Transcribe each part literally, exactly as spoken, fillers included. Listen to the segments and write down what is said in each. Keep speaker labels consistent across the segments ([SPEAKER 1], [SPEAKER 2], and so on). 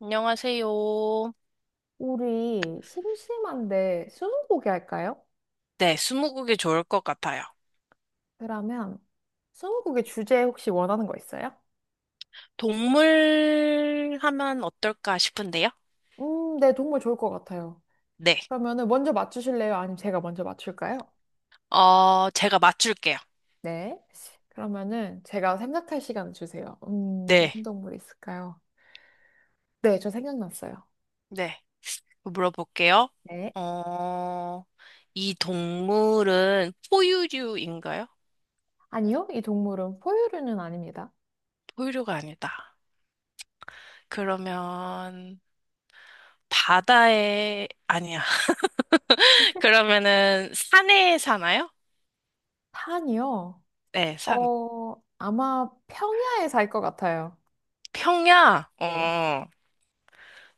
[SPEAKER 1] 안녕하세요.
[SPEAKER 2] 우리 심심한데 스무고개 할까요?
[SPEAKER 1] 네, 스무고개 좋을 것 같아요.
[SPEAKER 2] 그러면 스무고개 주제 혹시 원하는 거 있어요?
[SPEAKER 1] 동물 하면 어떨까 싶은데요?
[SPEAKER 2] 음, 네, 정말 좋을 것 같아요.
[SPEAKER 1] 네.
[SPEAKER 2] 그러면은 먼저 맞추실래요? 아니면 제가 먼저 맞출까요?
[SPEAKER 1] 어, 제가 맞출게요.
[SPEAKER 2] 네. 그러면은 제가 생각할 시간 주세요. 음, 무슨
[SPEAKER 1] 네.
[SPEAKER 2] 동물이 있을까요? 네, 저 생각났어요.
[SPEAKER 1] 네. 물어볼게요.
[SPEAKER 2] 네.
[SPEAKER 1] 어, 이 동물은 포유류인가요?
[SPEAKER 2] 아니요, 이 동물은 포유류는 아닙니다.
[SPEAKER 1] 포유류가 아니다. 그러면 바다에, 아니야. 그러면은 산에 사나요?
[SPEAKER 2] 산이요?
[SPEAKER 1] 네, 산.
[SPEAKER 2] 어, 아마 평야에 살 것 같아요.
[SPEAKER 1] 평야?
[SPEAKER 2] 네.
[SPEAKER 1] 어,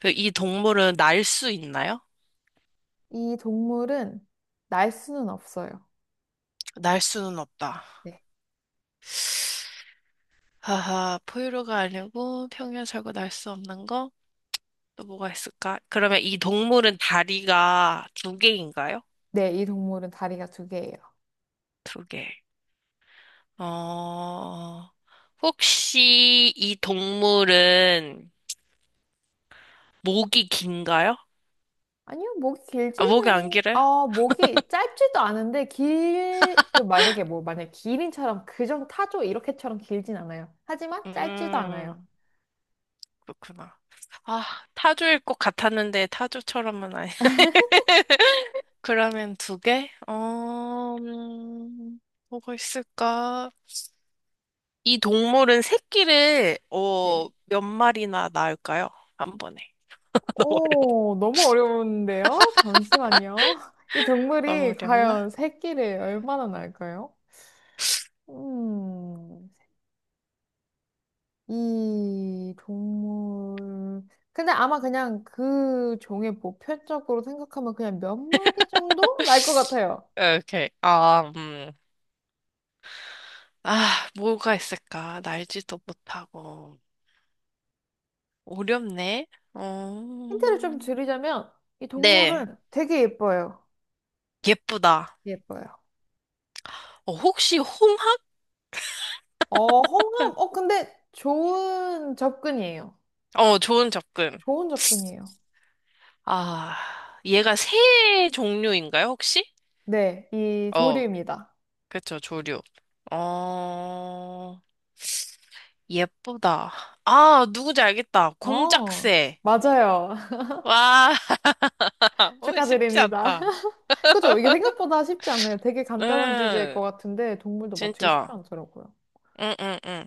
[SPEAKER 1] 그이 동물은 날 수 있나요?
[SPEAKER 2] 이 동물은 날 수는 없어요.
[SPEAKER 1] 날 수는 없다.
[SPEAKER 2] 네.
[SPEAKER 1] 하하, 포유류가 아니고 평년 살고 날 수 없는 거? 또 뭐가 있을까? 그러면 이 동물은 다리가 두 개인가요?
[SPEAKER 2] 네, 이 동물은 다리가 두 개예요.
[SPEAKER 1] 두 개. 어, 혹시 이 동물은 목이 긴가요?
[SPEAKER 2] 아니요, 목이
[SPEAKER 1] 아, 목이 안
[SPEAKER 2] 길지는,
[SPEAKER 1] 길어요?
[SPEAKER 2] 어, 목이 짧지도 않은데, 길, 그 만약에 뭐, 만약에 기린처럼, 그정 타조 이렇게처럼 길진 않아요. 하지만 짧지도 않아요.
[SPEAKER 1] 음, 그렇구나. 아, 타조일 것 같았는데 타조처럼은 아니. 그러면 두 개? 어, 음, 뭐가 있을까? 이 동물은 새끼를
[SPEAKER 2] 네.
[SPEAKER 1] 어, 몇 마리나 낳을까요? 한 번에.
[SPEAKER 2] 오, 너무 어려운데요? 잠시만요. 이
[SPEAKER 1] 너무 어려워. 너무
[SPEAKER 2] 동물이
[SPEAKER 1] 어렵나?
[SPEAKER 2] 과연 새끼를 얼마나 낳을까요? 음, 이 동물, 근데 아마 그냥 그 종의 보편적으로 생각하면 그냥 몇 마리 정도 날 것 같아요.
[SPEAKER 1] 오케이. 아, 음. 아, 뭐가 있을까? 날지도 못하고. 어렵네. 어...
[SPEAKER 2] 힌트를 좀 드리자면 이
[SPEAKER 1] 네.
[SPEAKER 2] 동물은 되게 예뻐요.
[SPEAKER 1] 예쁘다.
[SPEAKER 2] 예뻐요.
[SPEAKER 1] 어, 혹시 홍학?
[SPEAKER 2] 어, 홍합. 어, 근데 좋은 접근이에요.
[SPEAKER 1] 어, 좋은 접근.
[SPEAKER 2] 좋은 접근이에요.
[SPEAKER 1] 아, 얘가 새 종류인가요, 혹시?
[SPEAKER 2] 네, 이
[SPEAKER 1] 어,
[SPEAKER 2] 조류입니다.
[SPEAKER 1] 그쵸, 조류. 어, 예쁘다. 아, 누군지 알겠다.
[SPEAKER 2] 어,
[SPEAKER 1] 공작새.
[SPEAKER 2] 맞아요.
[SPEAKER 1] 와, 어, 쉽지
[SPEAKER 2] 축하드립니다.
[SPEAKER 1] 않다.
[SPEAKER 2] 그죠? 이게 생각보다 쉽지 않아요. 되게 간단한 주제일 것
[SPEAKER 1] 응,
[SPEAKER 2] 같은데 동물도 맞추기 쉽지
[SPEAKER 1] 진짜.
[SPEAKER 2] 않더라고요.
[SPEAKER 1] 응, 응, 응.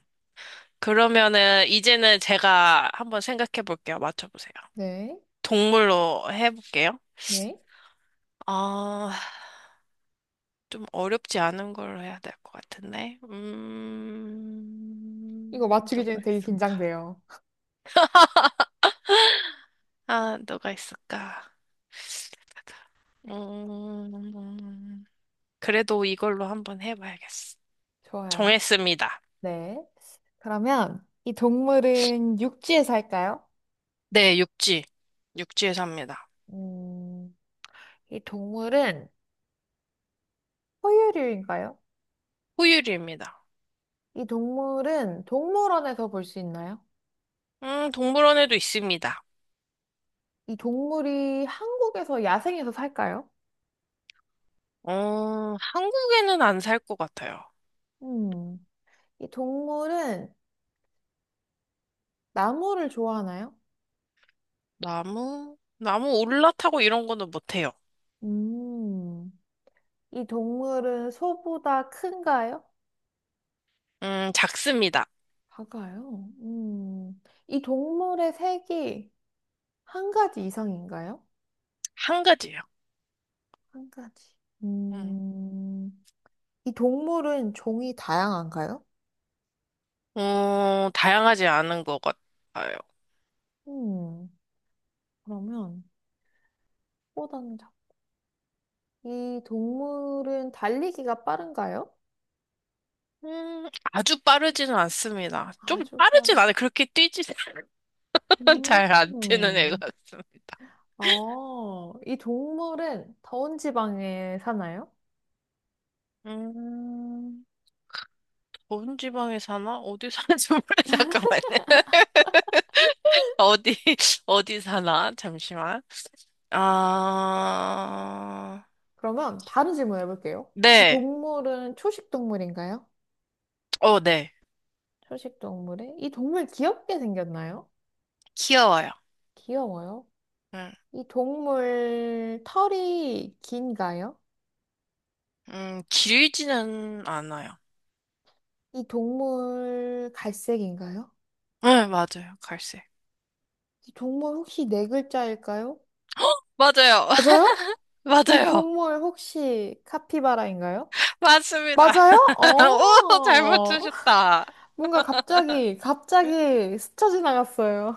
[SPEAKER 1] 그러면은, 이제는 제가 한번 생각해 볼게요. 맞춰보세요.
[SPEAKER 2] 네,
[SPEAKER 1] 동물로 해볼게요.
[SPEAKER 2] 네.
[SPEAKER 1] 아, 좀 어렵지 않은 걸로 해야 될 것 같은데.
[SPEAKER 2] 이거
[SPEAKER 1] 음,
[SPEAKER 2] 맞추기 전에
[SPEAKER 1] 누가
[SPEAKER 2] 되게
[SPEAKER 1] 있을까?
[SPEAKER 2] 긴장돼요.
[SPEAKER 1] 아, 누가 있을까? 음, 그래도 이걸로 한번 해봐야겠어.
[SPEAKER 2] 좋아요.
[SPEAKER 1] 정했습니다.
[SPEAKER 2] 네. 그러면 이 동물은 육지에 살까요?
[SPEAKER 1] 네, 육지. 육지에 삽니다.
[SPEAKER 2] 음, 이 동물은 포유류인가요?
[SPEAKER 1] 포유류입니다.
[SPEAKER 2] 이 동물은 동물원에서 볼 수 있나요?
[SPEAKER 1] 음, 동물원에도 있습니다.
[SPEAKER 2] 이 동물이 한국에서 야생에서 살까요?
[SPEAKER 1] 어, 한국에는 안 살 것 같아요.
[SPEAKER 2] 음. 이 동물은 나무를 좋아하나요?
[SPEAKER 1] 나무, 나무 올라타고 이런 거는 못해요.
[SPEAKER 2] 음. 이 동물은 소보다 큰가요?
[SPEAKER 1] 음, 작습니다.
[SPEAKER 2] 작아요. 음. 이 동물의 색이 한 가지 이상인가요?
[SPEAKER 1] 한 가지요.
[SPEAKER 2] 한 가지.
[SPEAKER 1] 음,
[SPEAKER 2] 음. 이 동물은 종이 다양한가요?
[SPEAKER 1] 어, 다양하지 않은 것 같아요.
[SPEAKER 2] 음. 그러면 소보다는 작 이 동물은 달리기가 빠른가요?
[SPEAKER 1] 음, 아주 빠르지는 않습니다. 좀
[SPEAKER 2] 아주
[SPEAKER 1] 빠르진
[SPEAKER 2] 빠르.
[SPEAKER 1] 않아요. 그렇게 뛰지는 잘안 뛰는 애
[SPEAKER 2] 음.
[SPEAKER 1] 같습니다.
[SPEAKER 2] 어, 이 동물은 더운 지방에 사나요?
[SPEAKER 1] 음, 더운 지방에 사나? 어디 사는지 몰라. 잠깐만요. 어디, 어디 사나? 잠시만. 아,
[SPEAKER 2] 그러면 다른 질문 해볼게요. 이
[SPEAKER 1] 네.
[SPEAKER 2] 동물은 초식 동물인가요?
[SPEAKER 1] 어, 네.
[SPEAKER 2] 초식 동물에 이 동물 귀엽게 생겼나요?
[SPEAKER 1] 귀여워요.
[SPEAKER 2] 귀여워요.
[SPEAKER 1] 음,
[SPEAKER 2] 이 동물 털이 긴가요?
[SPEAKER 1] 음, 길지는 않아요.
[SPEAKER 2] 이 동물 갈색인가요?
[SPEAKER 1] 네, 맞아요. 갈색.
[SPEAKER 2] 이 동물 혹시 네 글자일까요?
[SPEAKER 1] 맞아요.
[SPEAKER 2] 맞아요? 이
[SPEAKER 1] 맞아요.
[SPEAKER 2] 동물 혹시 카피바라인가요?
[SPEAKER 1] 맞습니다.
[SPEAKER 2] 맞아요?
[SPEAKER 1] 오, 잘
[SPEAKER 2] 어,
[SPEAKER 1] 맞추셨다.
[SPEAKER 2] 뭔가 갑자기, 갑자기 스쳐 지나갔어요.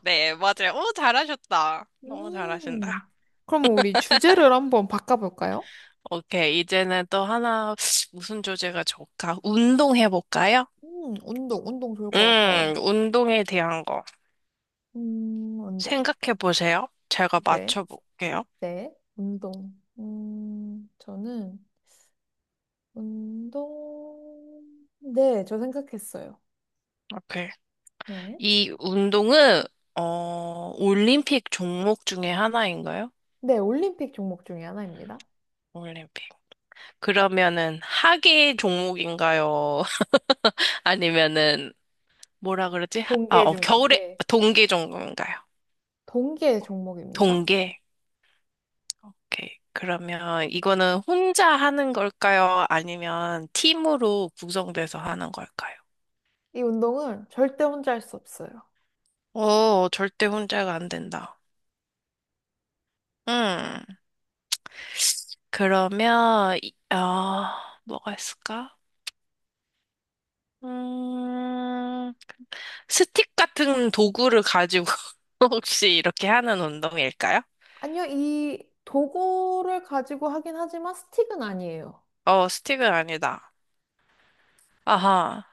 [SPEAKER 1] 네, 맞아요. 오, 잘하셨다. 너무
[SPEAKER 2] 음,
[SPEAKER 1] 잘하신다.
[SPEAKER 2] 그럼 우리 주제를 한번 바꿔볼까요?
[SPEAKER 1] 오케이. 이제는 또 하나, 무슨 주제가 좋을까? 운동해볼까요?
[SPEAKER 2] 음, 운동, 운동 좋을 것 같아요.
[SPEAKER 1] 음, 운동에 대한 거.
[SPEAKER 2] 음, 운동.
[SPEAKER 1] 생각해 보세요. 제가
[SPEAKER 2] 네,
[SPEAKER 1] 맞춰볼게요.
[SPEAKER 2] 네, 운동. 음, 저는 운동. 네, 저 생각했어요.
[SPEAKER 1] 오케이.
[SPEAKER 2] 네.
[SPEAKER 1] 이 운동은, 어, 올림픽 종목 중에 하나인가요?
[SPEAKER 2] 네, 올림픽 종목 중에 하나입니다.
[SPEAKER 1] 올림픽. 그러면은, 하계 종목인가요? 아니면은, 뭐라 그러지? 하- 아,
[SPEAKER 2] 동계
[SPEAKER 1] 어,
[SPEAKER 2] 종,
[SPEAKER 1] 겨울에,
[SPEAKER 2] 네,
[SPEAKER 1] 동계 종목인가요?
[SPEAKER 2] 동계 종목입니다.
[SPEAKER 1] 동계. 오케이. 그러면 이거는 혼자 하는 걸까요? 아니면 팀으로 구성돼서 하는 걸까요?
[SPEAKER 2] 이 운동은 절대 혼자 할 수 없어요.
[SPEAKER 1] 어, 절대 혼자가 안 된다. 음. 그러면, 이- 어, 뭐가 있을까? 음, 스틱 같은 도구를 가지고 혹시 이렇게 하는 운동일까요?
[SPEAKER 2] 아니요, 이 도구를 가지고 하긴 하지만 스틱은 아니에요.
[SPEAKER 1] 어, 스틱은 아니다. 아하.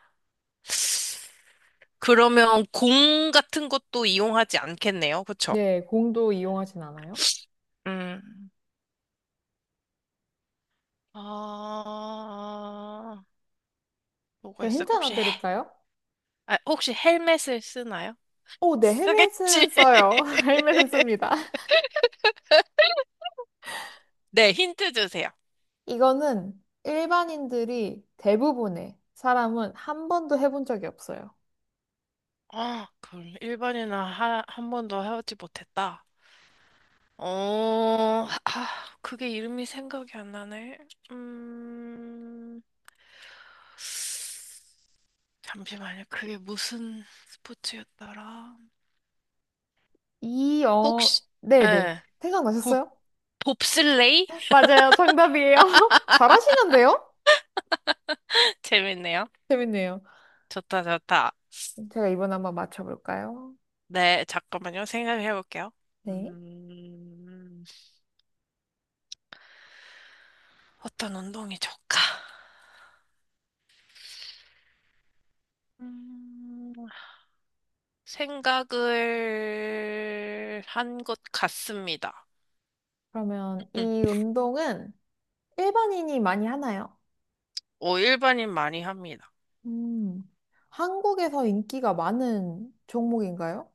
[SPEAKER 1] 그러면 공 같은 것도 이용하지 않겠네요. 그쵸?
[SPEAKER 2] 네, 공도 이용하진 않아요?
[SPEAKER 1] 음, 아, 뭐가
[SPEAKER 2] 제가
[SPEAKER 1] 있어요?
[SPEAKER 2] 힌트 하나
[SPEAKER 1] 혹시, 헬-
[SPEAKER 2] 드릴까요?
[SPEAKER 1] 아, 혹시 헬멧을 쓰나요?
[SPEAKER 2] 오, 네,
[SPEAKER 1] 쓰겠지.
[SPEAKER 2] 헬멧은 써요. 헬멧은 씁니다.
[SPEAKER 1] 네, 힌트 주세요.
[SPEAKER 2] 이거는 일반인들이 대부분의 사람은 한 번도 해본 적이 없어요.
[SPEAKER 1] 아, 그럼 일 번이나 한 번도 하지 못했다. 어, 아, 그게 이름이 생각이 안 나네. 음, 잠시만요. 그게 무슨 스포츠였더라?
[SPEAKER 2] 이, 어,
[SPEAKER 1] 혹시,
[SPEAKER 2] 네네.
[SPEAKER 1] 예, 봅,
[SPEAKER 2] 생각나셨어요?
[SPEAKER 1] 봅슬레이?
[SPEAKER 2] 맞아요. 정답이에요. 잘하시는데요?
[SPEAKER 1] 재밌네요.
[SPEAKER 2] 재밌네요.
[SPEAKER 1] 좋다, 좋다.
[SPEAKER 2] 제가 이번에 한번 맞춰볼까요?
[SPEAKER 1] 네, 잠깐만요. 생각해 볼게요.
[SPEAKER 2] 네.
[SPEAKER 1] 음, 어떤 운동이 좋을까? 음, 생각을 한 것 같습니다.
[SPEAKER 2] 그러면 이
[SPEAKER 1] 응.
[SPEAKER 2] 운동은 일반인이 많이 하나요?
[SPEAKER 1] 오, 일반인 많이 합니다.
[SPEAKER 2] 음, 한국에서 인기가 많은 종목인가요?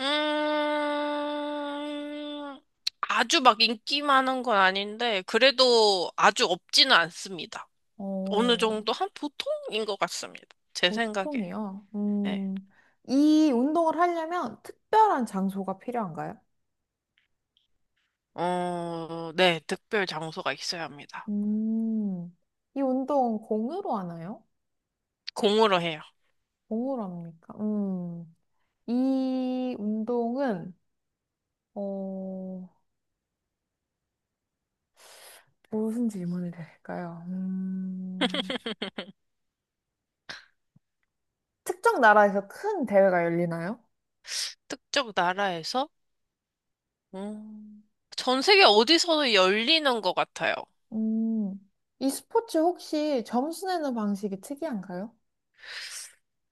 [SPEAKER 1] 음, 아주 막 인기 많은 건 아닌데, 그래도 아주 없지는 않습니다. 어느
[SPEAKER 2] 어,
[SPEAKER 1] 정도 한 보통인 것 같습니다. 제 생각에.
[SPEAKER 2] 보통이요.
[SPEAKER 1] 네.
[SPEAKER 2] 음, 이 운동을 하려면 특별한 장소가 필요한가요?
[SPEAKER 1] 어, 네, 특별 장소가 있어야 합니다.
[SPEAKER 2] 음, 이 운동 공으로 하나요?
[SPEAKER 1] 공으로 해요.
[SPEAKER 2] 공으로 합니까? 음, 이 운동은, 어, 무슨 질문을 드릴까요? 음, 특정 나라에서 큰 대회가 열리나요?
[SPEAKER 1] 특정 나라에서, 음, 전 세계 어디서도 열리는 것 같아요.
[SPEAKER 2] 음, 이 스포츠 혹시 점수 내는 방식이 특이한가요?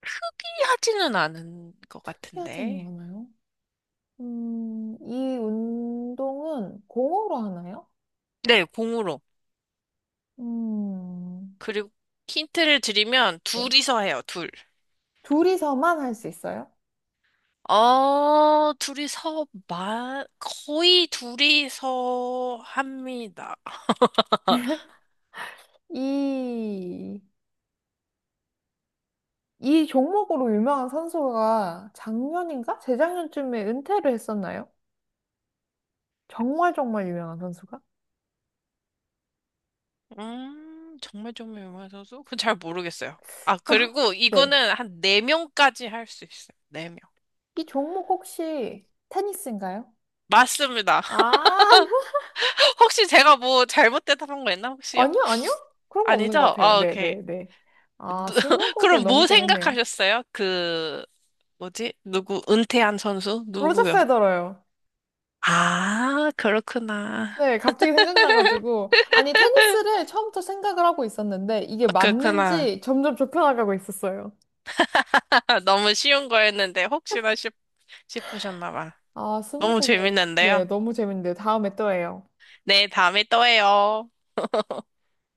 [SPEAKER 1] 특이하지는 않은 것
[SPEAKER 2] 특이하지는
[SPEAKER 1] 같은데.
[SPEAKER 2] 않아요. 음, 이 운동은 공으로 하나요?
[SPEAKER 1] 네, 공으로.
[SPEAKER 2] 음,
[SPEAKER 1] 그리고 힌트를 드리면,
[SPEAKER 2] 네.
[SPEAKER 1] 둘이서 해요, 둘.
[SPEAKER 2] 둘이서만 할 수 있어요?
[SPEAKER 1] 어, 둘이서 말, 거의 둘이서 합니다.
[SPEAKER 2] 이, 이 종목으로 유명한 선수가 작년인가? 재작년쯤에 은퇴를 했었나요? 정말 정말 유명한 선수가?
[SPEAKER 1] 음, 정말 좀 유명해서도? 그건 잘 모르겠어요. 아,
[SPEAKER 2] 그럼 한-
[SPEAKER 1] 그리고
[SPEAKER 2] 네.
[SPEAKER 1] 이거는 한 네명까지 할 수 있어요. 네명
[SPEAKER 2] 이 종목 혹시 테니스인가요?
[SPEAKER 1] 맞습니다.
[SPEAKER 2] 아,
[SPEAKER 1] 혹시 제가 뭐 잘못 대답한 거 있나, 혹시요?
[SPEAKER 2] 아니요, 아니요? 그런 거 없는
[SPEAKER 1] 아니죠?
[SPEAKER 2] 것 같아요.
[SPEAKER 1] 아,
[SPEAKER 2] 네,
[SPEAKER 1] 오케이.
[SPEAKER 2] 네, 네. 아,
[SPEAKER 1] 누-
[SPEAKER 2] 스무고개
[SPEAKER 1] 그럼
[SPEAKER 2] 너무
[SPEAKER 1] 뭐
[SPEAKER 2] 재밌네요.
[SPEAKER 1] 생각하셨어요? 그, 뭐지? 누구, 은퇴한 선수?
[SPEAKER 2] 로저
[SPEAKER 1] 누구였,
[SPEAKER 2] 페더러요.
[SPEAKER 1] 아, 그렇구나.
[SPEAKER 2] 네, 갑자기 생각나가지고. 아니, 테니스를 처음부터 생각을 하고 있었는데, 이게
[SPEAKER 1] 아, 그렇구나.
[SPEAKER 2] 맞는지 점점 좁혀나가고 있었어요.
[SPEAKER 1] 너무 쉬운 거였는데, 혹시나 싶으셨나 봐.
[SPEAKER 2] 아,
[SPEAKER 1] 너무
[SPEAKER 2] 스무고개. 네,
[SPEAKER 1] 재밌는데요.
[SPEAKER 2] 너무 재밌는데. 다음에 또 해요.
[SPEAKER 1] 네, 다음에 또 해요.